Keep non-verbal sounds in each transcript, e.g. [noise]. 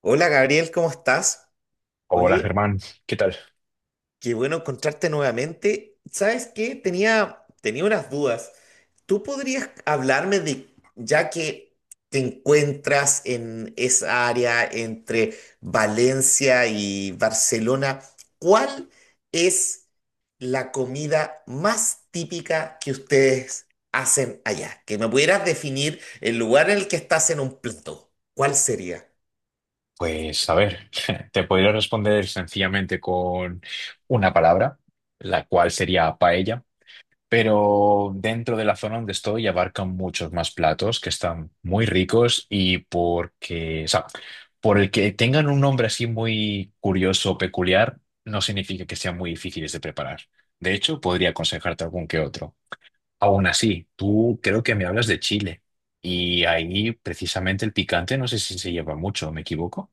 Hola Gabriel, ¿cómo estás? Hola Oye, Germán, ¿qué tal? qué bueno encontrarte nuevamente. ¿Sabes qué? Tenía unas dudas. ¿Tú podrías hablarme de, ya que te encuentras en esa área entre Valencia y Barcelona, cuál es la comida más típica que ustedes hacen allá? Que me pudieras definir el lugar en el que estás en un plato. ¿Cuál sería? Pues a ver, [laughs] te podría responder sencillamente con una palabra, la cual sería paella, pero dentro de la zona donde estoy abarcan muchos más platos que están muy ricos y porque, o sea, por el que tengan un nombre así muy curioso peculiar, no significa que sean muy difíciles de preparar. De hecho, podría aconsejarte algún que otro. Aún así, tú creo que me hablas de Chile y ahí precisamente el picante no sé si se lleva mucho, ¿me equivoco?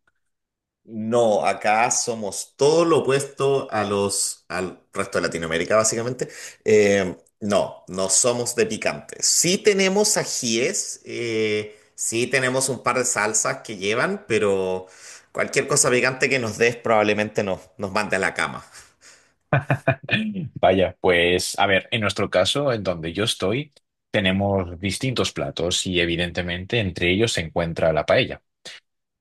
No, acá somos todo lo opuesto a al resto de Latinoamérica, básicamente. No, no somos de picante. Sí tenemos ajíes, sí tenemos un par de salsas que llevan, pero cualquier cosa picante que nos des probablemente nos mande a la cama. Vaya, pues a ver, en nuestro caso, en donde yo estoy, tenemos distintos platos y evidentemente entre ellos se encuentra la paella.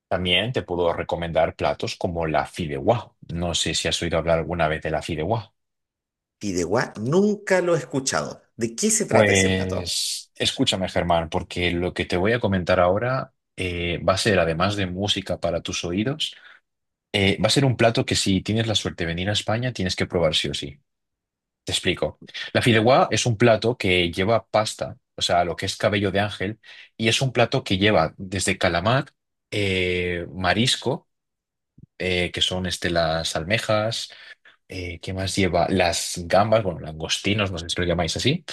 También te puedo recomendar platos como la fideuá. No sé si has oído hablar alguna vez de la fideuá. Fideuá, nunca lo he escuchado. ¿De qué se trata ese plato? Pues escúchame, Germán, porque lo que te voy a comentar ahora va a ser, además de música para tus oídos. Va a ser un plato que si tienes la suerte de venir a España, tienes que probar sí o sí. Te explico. La fideuá es un plato que lleva pasta, o sea, lo que es cabello de ángel, y es un plato que lleva desde calamar, marisco, que son este, las almejas, ¿qué más lleva? Las gambas, bueno, langostinos, no sé si lo llamáis así,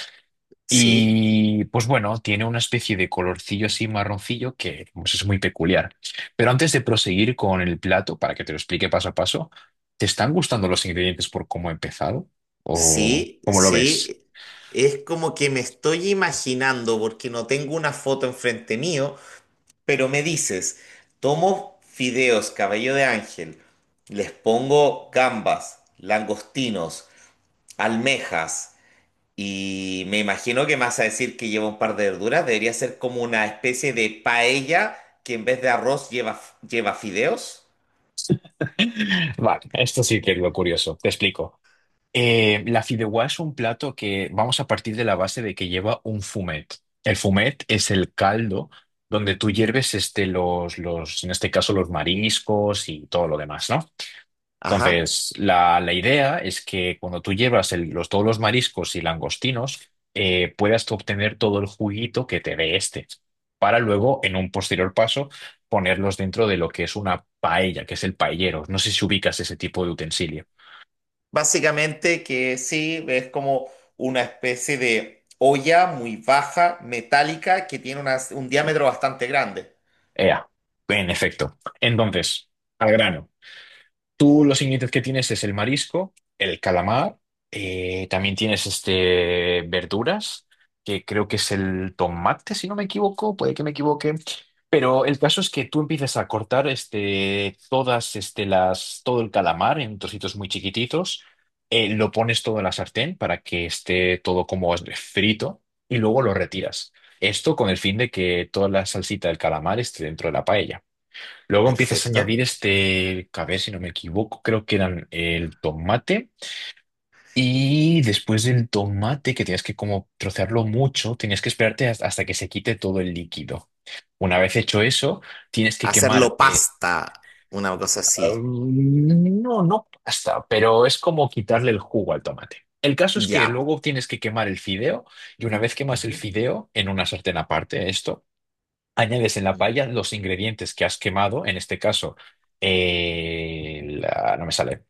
Sí, y pues bueno, tiene una especie de colorcillo así marroncillo que pues, es muy peculiar. Pero antes de proseguir con el plato, para que te lo explique paso a paso, ¿te están gustando los ingredientes por cómo he empezado? ¿O sí, cómo lo ves? sí. Es como que me estoy imaginando, porque no tengo una foto enfrente mío. Pero me dices, tomo fideos cabello de ángel, les pongo gambas, langostinos, almejas y me imagino que me vas a decir que lleva un par de verduras. Debería ser como una especie de paella que en vez de arroz lleva fideos. [laughs] Vale, esto sí que es lo curioso. Te explico. La fideuá es un plato que vamos a partir de la base de que lleva un fumet. El fumet es el caldo donde tú hierves este, en este caso, los mariscos y todo lo demás, ¿no? Ajá. Entonces, la idea es que cuando tú llevas el- los, todos los mariscos y langostinos, puedas tú obtener todo el juguito que te dé este, para luego, en un posterior paso, ponerlos dentro de lo que es una paella, que es el paellero. No sé si ubicas ese tipo de utensilio. Básicamente que sí, es como una especie de olla muy baja, metálica, que tiene un diámetro bastante grande. Ea, en efecto. Entonces, al grano. Tú los ingredientes que tienes es el marisco, el calamar, también tienes este, verduras, que creo que es el tomate, si no me equivoco, puede que me equivoque. Pero el caso es que tú empiezas a cortar este, todas este, las, todo el calamar en trocitos muy chiquititos, lo pones todo en la sartén para que esté todo como frito y luego lo retiras. Esto con el fin de que toda la salsita del calamar esté dentro de la paella. Luego empiezas a Perfecto. añadir este, a ver si no me equivoco, creo que eran el tomate. Y después del tomate, que tenías que como trocearlo mucho, tenías que esperarte has- hasta que se quite todo el líquido. Una vez hecho eso, tienes que quemar, Hacerlo pasta, una cosa así. No, no pasta, pero es como quitarle el jugo al tomate. El caso es que Ya. luego tienes que quemar el fideo y una vez quemas el Ujú, fideo en una sartén aparte, esto. Añades en la ujú. paella los ingredientes que has quemado, en este caso, la- no me sale,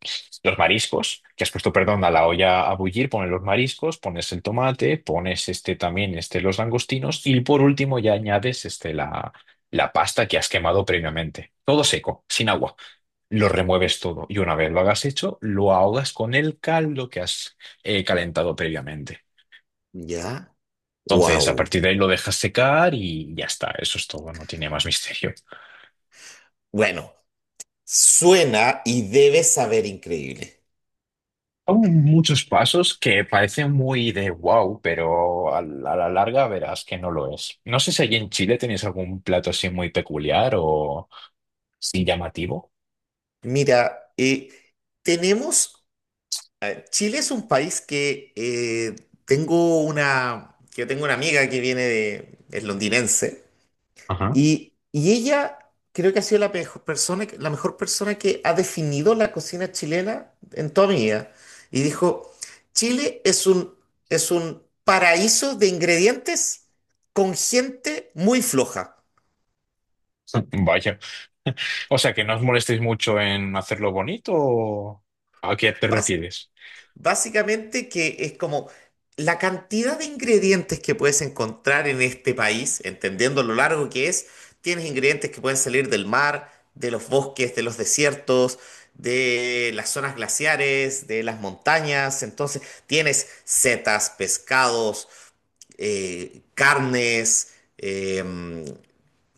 los mariscos, que has puesto, perdón, a la olla a bullir, pones los mariscos, pones el tomate, pones este también, este, los langostinos, y por último ya añades este, la pasta que has quemado previamente. Todo seco, sin agua. Lo remueves todo y una vez lo hagas hecho, lo ahogas con el caldo que has calentado previamente. Ya. Entonces, a Wow. partir de ahí lo dejas secar y ya está. Eso es todo, no tiene más misterio. Bueno, suena y debe saber increíble. Son muchos pasos que parecen muy de wow, pero a a la larga verás que no lo es. No sé si allí en Chile tenéis algún plato así muy peculiar o sin llamativo. Mira, tenemos, Chile es un país que que tengo una amiga que viene de, es londinense. Ajá. Y ella creo que ha sido la mejor persona, la mejor persona que ha definido la cocina chilena en toda mi vida. Y dijo, Chile es es un paraíso de ingredientes con gente muy floja. [laughs] Vaya. O sea, que no os molestéis mucho en hacerlo bonito o... ¿A qué te Vas. refieres? Básicamente que es como la cantidad de ingredientes que puedes encontrar en este país, entendiendo lo largo que es, tienes ingredientes que pueden salir del mar, de los bosques, de los desiertos, de las zonas glaciares, de las montañas. Entonces tienes setas, pescados, carnes. em,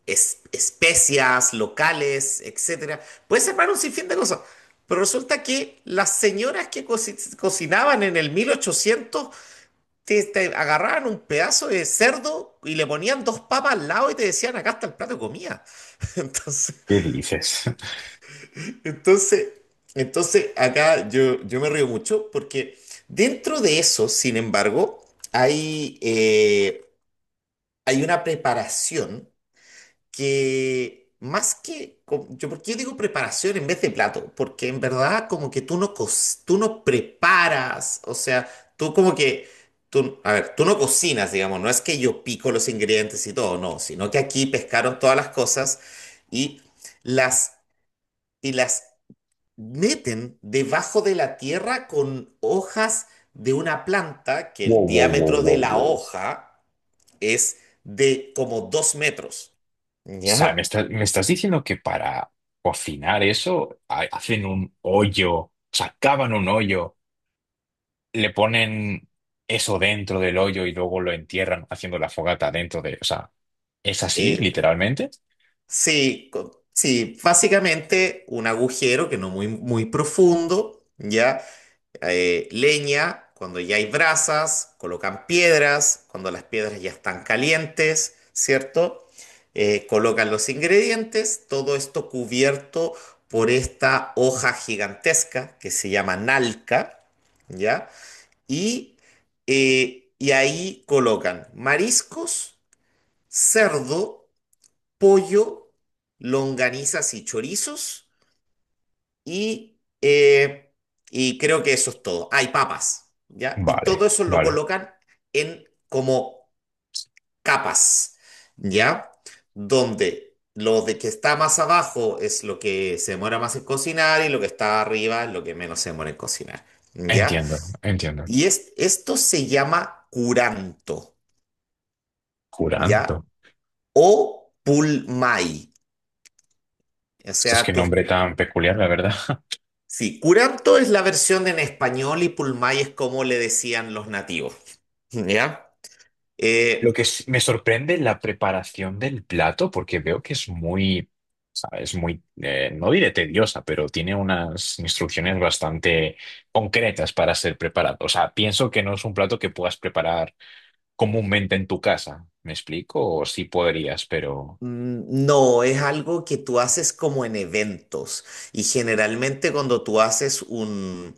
especias locales, etcétera. Puedes armar un sinfín de cosas. Pero resulta que las señoras que cocinaban en el 1800 te agarraban un pedazo de cerdo y le ponían dos papas al lado y te decían, acá está el plato de comida. [laughs] Entonces, ¿Qué dices? [laughs] entonces, entonces, acá yo me río mucho porque dentro de eso, sin embargo, hay, eh, hay una preparación que más que, co- yo, ¿por qué digo preparación en vez de plato? Porque en verdad como que tú no preparas, o sea, tú como que, tú, a ver, tú no cocinas, digamos, no es que yo pico los ingredientes y todo, no, sino que aquí pescaron todas las cosas y las, y las meten debajo de la tierra con hojas de una planta que Wow, el wow, wow, diámetro de wow, la wow. O hoja es de como 2 metros. sea, ¿Ya? Me estás diciendo que para cocinar eso ha- hacen un hoyo, sacaban un hoyo, le ponen eso dentro del hoyo y luego lo entierran haciendo la fogata dentro de... O sea, ¿es así, Eh, literalmente? sí, básicamente un agujero que no muy, muy profundo, ¿ya? Leña, cuando ya hay brasas, colocan piedras, cuando las piedras ya están calientes, ¿cierto? Colocan los ingredientes, todo esto cubierto por esta hoja gigantesca que se llama nalca, ¿ya? Y, y ahí colocan mariscos, cerdo, pollo, longanizas y chorizos. Y, eh, y creo que eso es todo. Hay papas, ¿ya? Y Vale, todo eso lo vale. colocan en como capas, ¿ya? Donde lo de que está más abajo es lo que se demora más en cocinar y lo que está arriba es lo que menos se demora en cocinar, ¿ya? Entiendo, entiendo. Y es, esto se llama curanto, Curanto. ¿ya? O pulmay. O Es que sea, tú, nombre tan peculiar, la verdad. [laughs] Sí, curanto es la versión en español y pulmay es como le decían los nativos, [laughs] ¿ya? Lo que Eh, s- me sorprende es la preparación del plato, porque veo que es muy, ¿sabes? Muy, no diré tediosa, pero tiene unas instrucciones bastante concretas para ser preparado. O sea, pienso que no es un plato que puedas preparar comúnmente en tu casa. ¿Me explico? O sí podrías, pero... no, es algo que tú haces como en eventos y generalmente cuando tú haces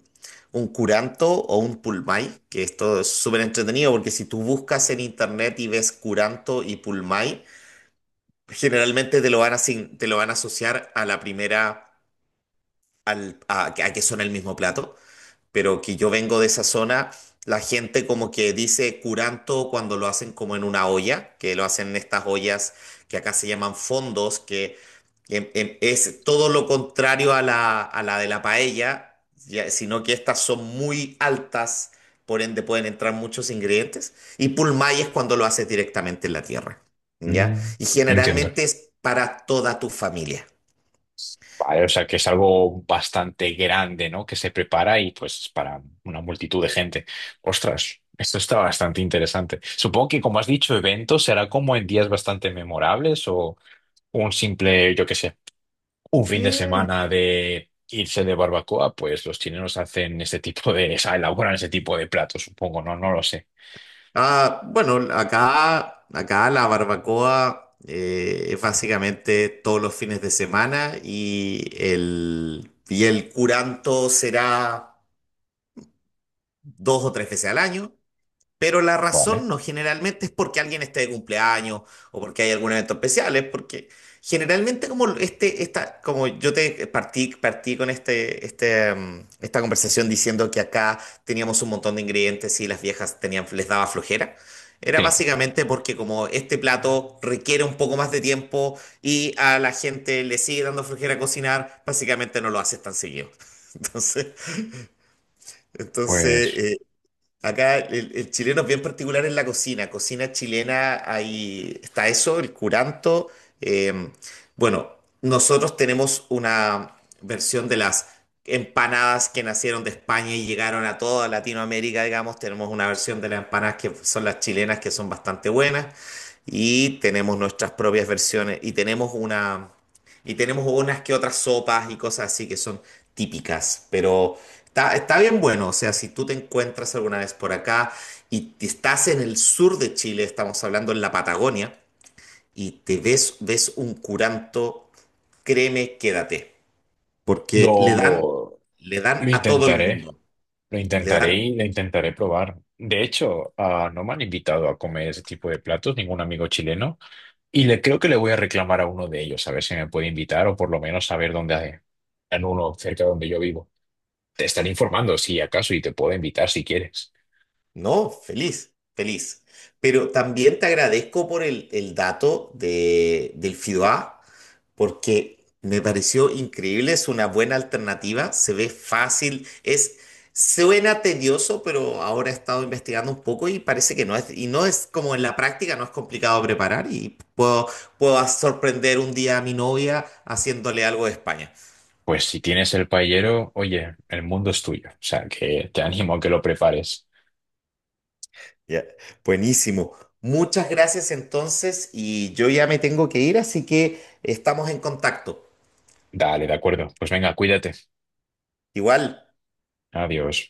un curanto o un pulmay, que esto es súper entretenido porque si tú buscas en internet y ves curanto y pulmay, generalmente te lo van te lo van a asociar a la primera, a que son el mismo plato. Pero que yo vengo de esa zona, la gente como que dice curanto cuando lo hacen como en una olla, que lo hacen en estas ollas que acá se llaman fondos, que es todo lo contrario a a la de la paella, sino que estas son muy altas, por ende pueden entrar muchos ingredientes, y pulmay es cuando lo haces directamente en la tierra, ¿ya? Mm, Y entiendo. generalmente es para toda tu familia. Vale, o sea que es algo bastante grande, ¿no? Que se prepara y pues es para una multitud de gente. Ostras, esto está bastante interesante. Supongo que como has dicho, evento será como en días bastante memorables o un simple, yo qué sé, un fin de Eh, semana de irse de barbacoa, pues los chilenos hacen este tipo de, [laughs] o sea, elaboran ese tipo de platos, supongo, ¿no? No lo sé. Ah, bueno, acá la barbacoa, es básicamente todos los fines de semana y el curanto será 2 o 3 veces al año. Pero la razón Vale. no generalmente es porque alguien esté de cumpleaños o porque hay algún evento especial, es porque generalmente como como yo te partí con esta conversación diciendo que acá teníamos un montón de ingredientes y las viejas tenían, les daba flojera. Era Sí, básicamente porque como este plato requiere un poco más de tiempo y a la gente le sigue dando flojera cocinar, básicamente no lo haces tan seguido. [laughs] Entonces, entonces, pues eh, Acá el chileno es bien particular en la cocina. Cocina chilena, ahí está eso, el curanto. Eh, bueno, nosotros tenemos una versión de las empanadas que nacieron de España y llegaron a toda Latinoamérica, digamos. Tenemos una versión de las empanadas que son las chilenas, que son bastante buenas. Y tenemos nuestras propias versiones. Y tenemos unas que otras sopas y cosas así que son típicas. Pero. Está bien bueno, o sea, si tú te encuentras alguna vez por acá y te estás en el sur de Chile, estamos hablando en la Patagonia, y te ves un curanto, créeme, quédate, porque lo... le dan Lo a todo el intentaré, mundo, lo le intentaré dan, y lo intentaré probar. De hecho, ah, no me han invitado a comer ese tipo de platos, ningún amigo chileno, y le creo que le voy a reclamar a uno de ellos, a ver si me puede invitar o por lo menos saber dónde hay en uno cerca de donde yo vivo. Te estaré informando si acaso y te puedo invitar si quieres. no, feliz, feliz. Pero también te agradezco por el dato del FIDOA, porque me pareció increíble, es una buena alternativa, se ve fácil, es suena tedioso, pero ahora he estado investigando un poco y parece que no es como en la práctica, no es complicado preparar y puedo sorprender un día a mi novia haciéndole algo de España. Pues si tienes el paellero, oye, el mundo es tuyo, o sea que te animo a que lo prepares. Ya, buenísimo. Muchas gracias entonces y yo ya me tengo que ir, así que estamos en contacto. Dale, de acuerdo. Pues venga, cuídate. Igual. Adiós.